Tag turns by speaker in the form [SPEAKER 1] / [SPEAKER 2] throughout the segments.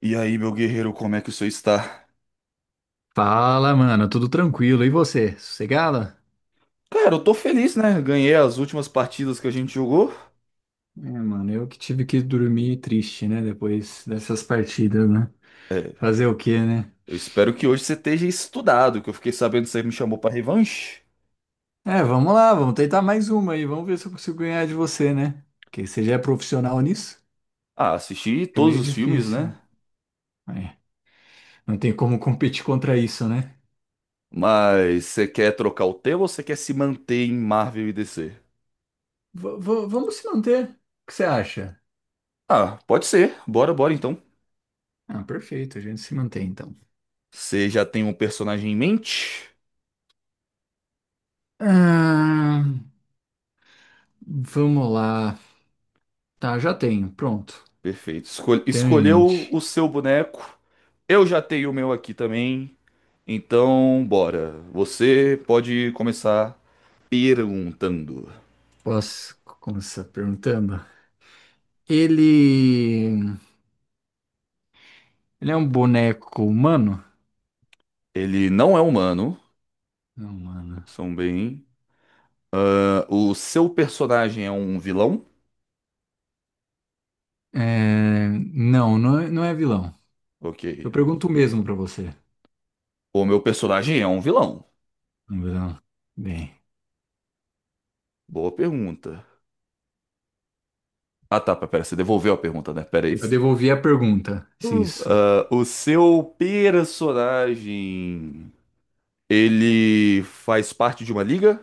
[SPEAKER 1] E aí, meu guerreiro, como é que o senhor está?
[SPEAKER 2] Fala, mano, tudo tranquilo. E você? Sossegada?
[SPEAKER 1] Cara, eu tô feliz, né? Ganhei as últimas partidas que a gente jogou.
[SPEAKER 2] É, mano, eu que tive que dormir triste, né? Depois dessas partidas, né?
[SPEAKER 1] É,
[SPEAKER 2] Fazer o quê, né?
[SPEAKER 1] eu espero que hoje você esteja estudado, que eu fiquei sabendo que você me chamou pra revanche.
[SPEAKER 2] É, vamos lá, vamos tentar mais uma aí. Vamos ver se eu consigo ganhar de você, né? Porque você já é profissional nisso?
[SPEAKER 1] Ah, assisti
[SPEAKER 2] É
[SPEAKER 1] todos
[SPEAKER 2] meio
[SPEAKER 1] os filmes,
[SPEAKER 2] difícil.
[SPEAKER 1] né?
[SPEAKER 2] É, não tem como competir contra isso, né?
[SPEAKER 1] Mas você quer trocar o tema ou você quer se manter em Marvel e DC?
[SPEAKER 2] Vamos se manter. O que você acha?
[SPEAKER 1] Ah, pode ser. Bora, bora então.
[SPEAKER 2] Ah, perfeito, a gente se mantém então.
[SPEAKER 1] Você já tem um personagem em mente?
[SPEAKER 2] Ah, vamos lá. Tá, já tenho. Pronto.
[SPEAKER 1] Perfeito.
[SPEAKER 2] Tenho em
[SPEAKER 1] Escolheu
[SPEAKER 2] mente.
[SPEAKER 1] o seu boneco. Eu já tenho o meu aqui também. Então, bora. Você pode começar perguntando.
[SPEAKER 2] Posso começar perguntando? Ele. Ele é um boneco humano?
[SPEAKER 1] Ele não é humano,
[SPEAKER 2] Não, mano.
[SPEAKER 1] são bem. Ah, o seu personagem é um vilão?
[SPEAKER 2] Não, não é, não é vilão.
[SPEAKER 1] Ok.
[SPEAKER 2] Eu pergunto o mesmo pra você.
[SPEAKER 1] O meu personagem é um vilão.
[SPEAKER 2] Não, vilão. Bem,
[SPEAKER 1] Boa pergunta. Ah tá, pera, você devolveu a pergunta, né? Pera aí.
[SPEAKER 2] eu devolvi a pergunta, se isso.
[SPEAKER 1] Ah, o seu personagem. Ele faz parte de uma liga?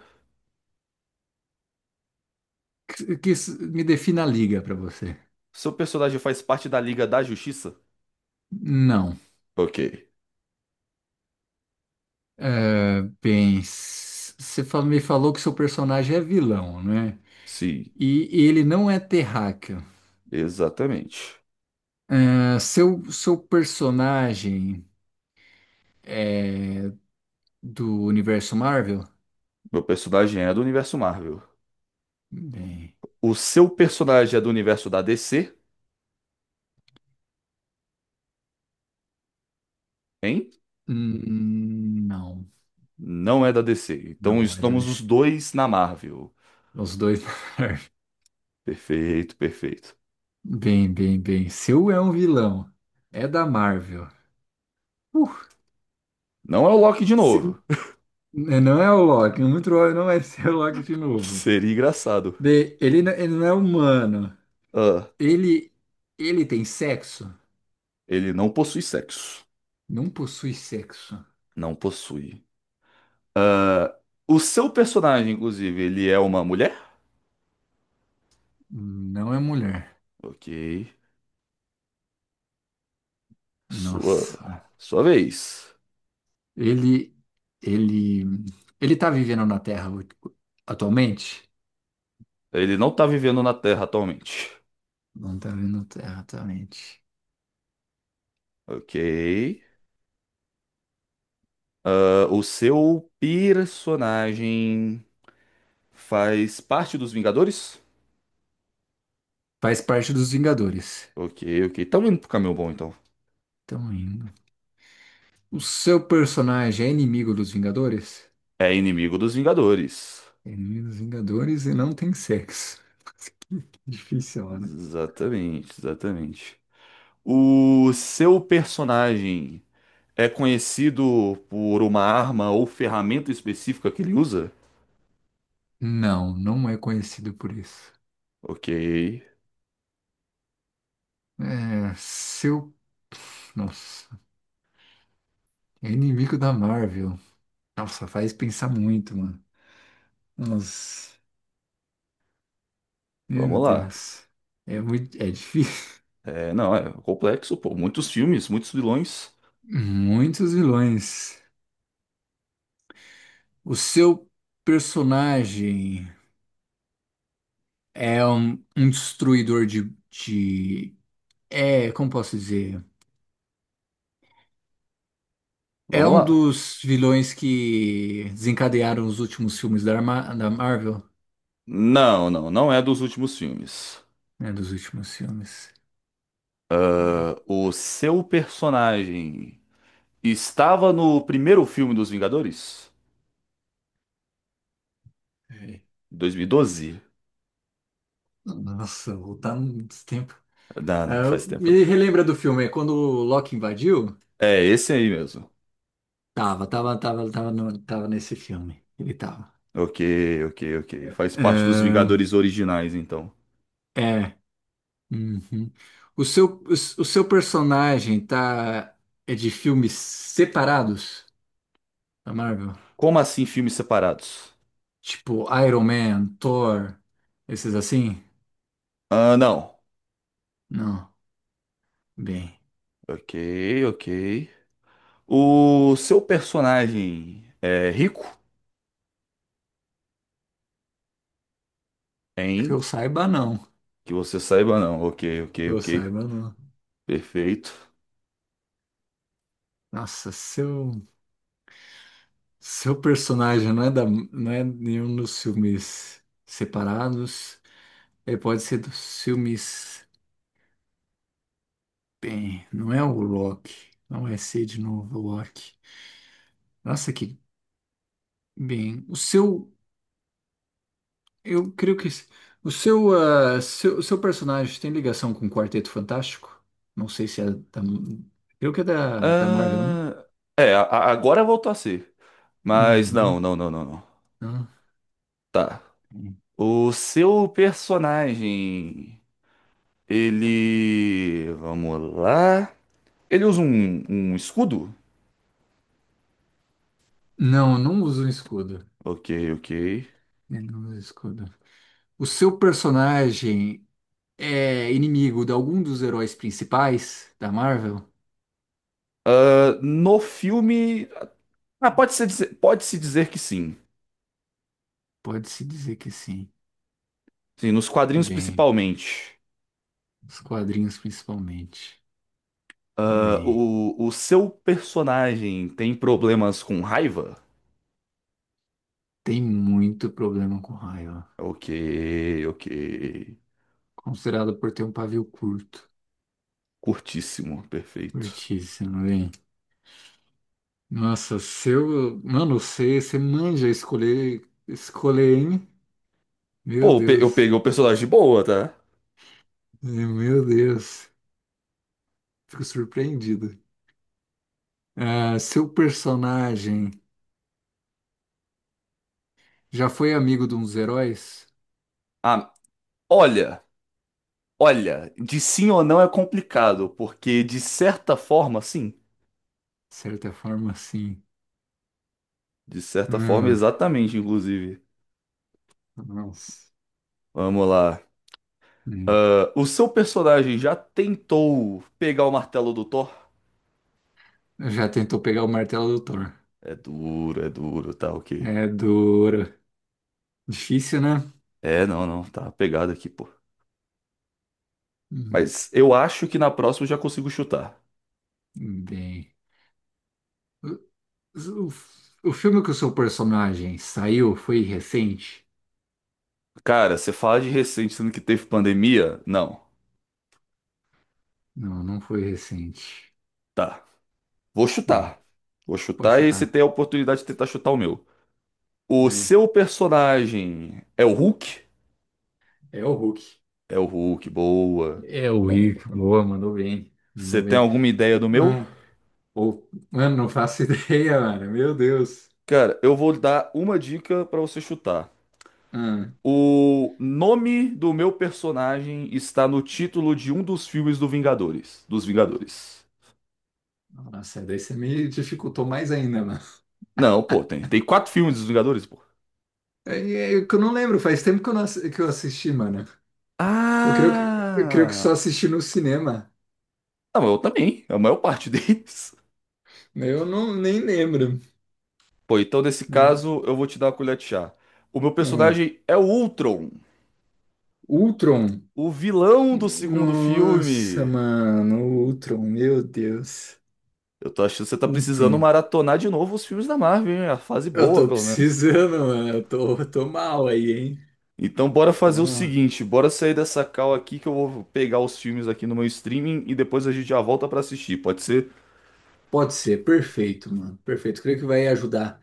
[SPEAKER 2] Que isso me defina a liga pra você.
[SPEAKER 1] Seu personagem faz parte da Liga da Justiça?
[SPEAKER 2] Não.
[SPEAKER 1] Ok.
[SPEAKER 2] É, bem, me falou que seu personagem é vilão, né?
[SPEAKER 1] Sim,
[SPEAKER 2] E ele não é terráqueo.
[SPEAKER 1] exatamente.
[SPEAKER 2] É, seu personagem é do universo Marvel?
[SPEAKER 1] Meu personagem é do universo Marvel.
[SPEAKER 2] Bem,
[SPEAKER 1] O seu personagem é do universo da DC, hein?
[SPEAKER 2] não,
[SPEAKER 1] Não é da DC. Então
[SPEAKER 2] não é da
[SPEAKER 1] estamos os
[SPEAKER 2] DC.
[SPEAKER 1] dois na Marvel.
[SPEAKER 2] Os dois da Marvel.
[SPEAKER 1] Perfeito, perfeito.
[SPEAKER 2] Bem, bem, bem. Seu é um vilão. É da Marvel. Uh,
[SPEAKER 1] Não é o Loki de
[SPEAKER 2] se-
[SPEAKER 1] novo.
[SPEAKER 2] não é o Loki. Muito provável não vai ser o Loki de novo.
[SPEAKER 1] Seria engraçado.
[SPEAKER 2] Bem, ele não é humano.
[SPEAKER 1] Ah,
[SPEAKER 2] Ele, ele tem sexo?
[SPEAKER 1] ele não possui sexo.
[SPEAKER 2] Não possui sexo.
[SPEAKER 1] Não possui. O seu personagem, inclusive, ele é uma mulher?
[SPEAKER 2] Não é mulher.
[SPEAKER 1] Ok. Sua,
[SPEAKER 2] Nossa.
[SPEAKER 1] sua vez.
[SPEAKER 2] Ele, ele, ele tá vivendo na Terra atualmente?
[SPEAKER 1] Ele não tá vivendo na Terra atualmente.
[SPEAKER 2] Não tá vindo terra, exatamente.
[SPEAKER 1] Ok. Ah, o seu personagem faz parte dos Vingadores?
[SPEAKER 2] Faz parte dos Vingadores.
[SPEAKER 1] Ok, ok. Tá indo pro caminho bom, então.
[SPEAKER 2] Tão indo. O seu personagem é inimigo dos Vingadores?
[SPEAKER 1] É inimigo dos Vingadores.
[SPEAKER 2] É inimigo dos Vingadores e não tem sexo. Que difícil, né?
[SPEAKER 1] Exatamente, exatamente. O seu personagem é conhecido por uma arma ou ferramenta específica que ele usa?
[SPEAKER 2] Não, não é conhecido por isso.
[SPEAKER 1] Ok,
[SPEAKER 2] É, seu. Nossa, é inimigo da Marvel. Nossa, faz pensar muito, mano. Nossa, meu
[SPEAKER 1] vamos lá.
[SPEAKER 2] Deus. É muito, é difícil.
[SPEAKER 1] É, não, é complexo, pô. Muitos filmes, muitos vilões.
[SPEAKER 2] Muitos vilões. O seu personagem. É um, um destruidor de. É, como posso dizer? É
[SPEAKER 1] Vamos
[SPEAKER 2] um
[SPEAKER 1] lá.
[SPEAKER 2] dos vilões que desencadearam os últimos filmes da, da Marvel,
[SPEAKER 1] Não, não, não é dos últimos filmes.
[SPEAKER 2] né? Dos últimos filmes. É.
[SPEAKER 1] O seu personagem estava no primeiro filme dos Vingadores?
[SPEAKER 2] É.
[SPEAKER 1] 2012?
[SPEAKER 2] Nossa, voltar muito tempo.
[SPEAKER 1] Não,
[SPEAKER 2] Ah,
[SPEAKER 1] não, faz tempo.
[SPEAKER 2] me relembra do filme, é quando o Loki invadiu?
[SPEAKER 1] É esse aí mesmo.
[SPEAKER 2] Tava, tava, tava, tava, no- Tava nesse filme. Ele tava.
[SPEAKER 1] Ok, ok, ok. Faz parte dos
[SPEAKER 2] Ah,
[SPEAKER 1] Vingadores originais, então.
[SPEAKER 2] é. Uhum. O seu personagem tá. É de filmes separados? Da Marvel?
[SPEAKER 1] Como assim filmes separados?
[SPEAKER 2] Tipo, Iron Man, Thor, esses assim?
[SPEAKER 1] Ah, não.
[SPEAKER 2] Não. Bem,
[SPEAKER 1] Ok, ok. O seu personagem é rico?
[SPEAKER 2] que
[SPEAKER 1] Hein?
[SPEAKER 2] eu saiba, não.
[SPEAKER 1] Que você saiba, não. Ok, ok,
[SPEAKER 2] Que eu
[SPEAKER 1] ok.
[SPEAKER 2] saiba, não.
[SPEAKER 1] Perfeito.
[SPEAKER 2] Nossa, seu, seu personagem não é, da, não é nenhum dos filmes separados. Ele pode ser dos filmes. Bem, não é o Loki. Não vai ser de novo o Loki. Nossa, que. Bem, o seu. Eu creio que s- O o seu personagem tem ligação com o Quarteto Fantástico? Não sei se é da. Creio que é da Marvel, né?
[SPEAKER 1] Ah, é, agora voltou a ser. Mas não,
[SPEAKER 2] Uhum.
[SPEAKER 1] não, não, não, não.
[SPEAKER 2] Ah.
[SPEAKER 1] Tá. O seu personagem, ele. Vamos lá. Ele usa um escudo?
[SPEAKER 2] Não, não usa um escudo.
[SPEAKER 1] Ok, ok.
[SPEAKER 2] Eu não uso escudo. O seu personagem é inimigo de algum dos heróis principais da Marvel?
[SPEAKER 1] Ah, no filme, ah, pode-se dizer que sim.
[SPEAKER 2] Pode-se dizer que sim.
[SPEAKER 1] Sim, nos quadrinhos
[SPEAKER 2] Bem,
[SPEAKER 1] principalmente.
[SPEAKER 2] os quadrinhos principalmente.
[SPEAKER 1] Ah,
[SPEAKER 2] Bem,
[SPEAKER 1] o seu personagem tem problemas com raiva?
[SPEAKER 2] tem muito problema com raiva,
[SPEAKER 1] Ok, ok.
[SPEAKER 2] considerado por ter um pavio curto.
[SPEAKER 1] Curtíssimo, perfeito.
[SPEAKER 2] Curtíssimo, hein? Nossa, seu. Mano, você manja escolher, escolher, hein? Meu
[SPEAKER 1] Pô, eu
[SPEAKER 2] Deus.
[SPEAKER 1] peguei o personagem de boa, tá?
[SPEAKER 2] Meu Deus. Fico surpreendido. Ah, seu personagem já foi amigo de uns heróis?
[SPEAKER 1] Ah, olha, olha, de sim ou não é complicado, porque de certa forma, sim.
[SPEAKER 2] De certa forma, sim.
[SPEAKER 1] De certa forma,
[SPEAKER 2] Hum,
[SPEAKER 1] exatamente, inclusive.
[SPEAKER 2] nossa.
[SPEAKER 1] Vamos lá.
[SPEAKER 2] Hum.
[SPEAKER 1] O seu personagem já tentou pegar o martelo do Thor?
[SPEAKER 2] Já tentou pegar o martelo do Thor.
[SPEAKER 1] É duro, tá ok.
[SPEAKER 2] É duro. Difícil, né?
[SPEAKER 1] É, não, não, tá pegado aqui, pô.
[SPEAKER 2] Hum,
[SPEAKER 1] Mas eu acho que na próxima eu já consigo chutar.
[SPEAKER 2] bem. O, o, o filme que o seu personagem saiu foi recente?
[SPEAKER 1] Cara, você fala de recente, sendo que teve pandemia? Não.
[SPEAKER 2] Não, não foi recente.
[SPEAKER 1] Tá. Vou
[SPEAKER 2] Bem,
[SPEAKER 1] chutar. Vou
[SPEAKER 2] pode
[SPEAKER 1] chutar e você
[SPEAKER 2] chutar.
[SPEAKER 1] tem a oportunidade de tentar chutar o meu. O
[SPEAKER 2] Bem,
[SPEAKER 1] seu personagem é o Hulk?
[SPEAKER 2] é o Hulk.
[SPEAKER 1] É o Hulk, boa.
[SPEAKER 2] É o É, Hulk. Boa, mandou bem.
[SPEAKER 1] Você
[SPEAKER 2] Mandou
[SPEAKER 1] tem
[SPEAKER 2] bem.
[SPEAKER 1] alguma ideia do meu?
[SPEAKER 2] Ah, mano, não faço ideia, mano. Meu Deus.
[SPEAKER 1] Cara, eu vou dar uma dica pra você chutar.
[SPEAKER 2] Ah,
[SPEAKER 1] O nome do meu personagem está no título de um dos filmes do Vingadores. Dos Vingadores.
[SPEAKER 2] nossa, daí você me dificultou mais ainda, mano.
[SPEAKER 1] Não, pô, tem quatro filmes dos Vingadores, pô.
[SPEAKER 2] É é que eu não lembro, faz tempo que eu, não, assi- que eu assisti, mano. Eu creio que
[SPEAKER 1] Ah!
[SPEAKER 2] só assisti no cinema.
[SPEAKER 1] Não, eu também, é a maior parte deles.
[SPEAKER 2] Eu não, nem lembro.
[SPEAKER 1] Pô, então nesse
[SPEAKER 2] Hum,
[SPEAKER 1] caso eu vou te dar uma colher de chá. O meu
[SPEAKER 2] ah,
[SPEAKER 1] personagem é o Ultron,
[SPEAKER 2] Ultron.
[SPEAKER 1] o vilão do segundo
[SPEAKER 2] Nossa,
[SPEAKER 1] filme.
[SPEAKER 2] mano, Ultron, meu Deus.
[SPEAKER 1] Eu tô achando que você tá precisando
[SPEAKER 2] Ultron.
[SPEAKER 1] maratonar de novo os filmes da Marvel, hein? A fase
[SPEAKER 2] Eu
[SPEAKER 1] boa,
[SPEAKER 2] tô
[SPEAKER 1] pelo menos.
[SPEAKER 2] precisando, mano. Eu tô mal aí, hein?
[SPEAKER 1] Então bora fazer o
[SPEAKER 2] Então, ah,
[SPEAKER 1] seguinte, bora sair dessa call aqui que eu vou pegar os filmes aqui no meu streaming e depois a gente já volta pra assistir, pode ser?
[SPEAKER 2] pode ser, perfeito, mano. Perfeito. Creio que vai ajudar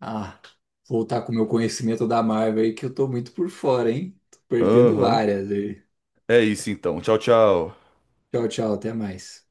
[SPEAKER 2] a voltar com o meu conhecimento da Marvel aí, que eu tô muito por fora, hein? Tô perdendo
[SPEAKER 1] Aham.
[SPEAKER 2] várias aí.
[SPEAKER 1] É isso então. Tchau, tchau.
[SPEAKER 2] Tchau, tchau, até mais.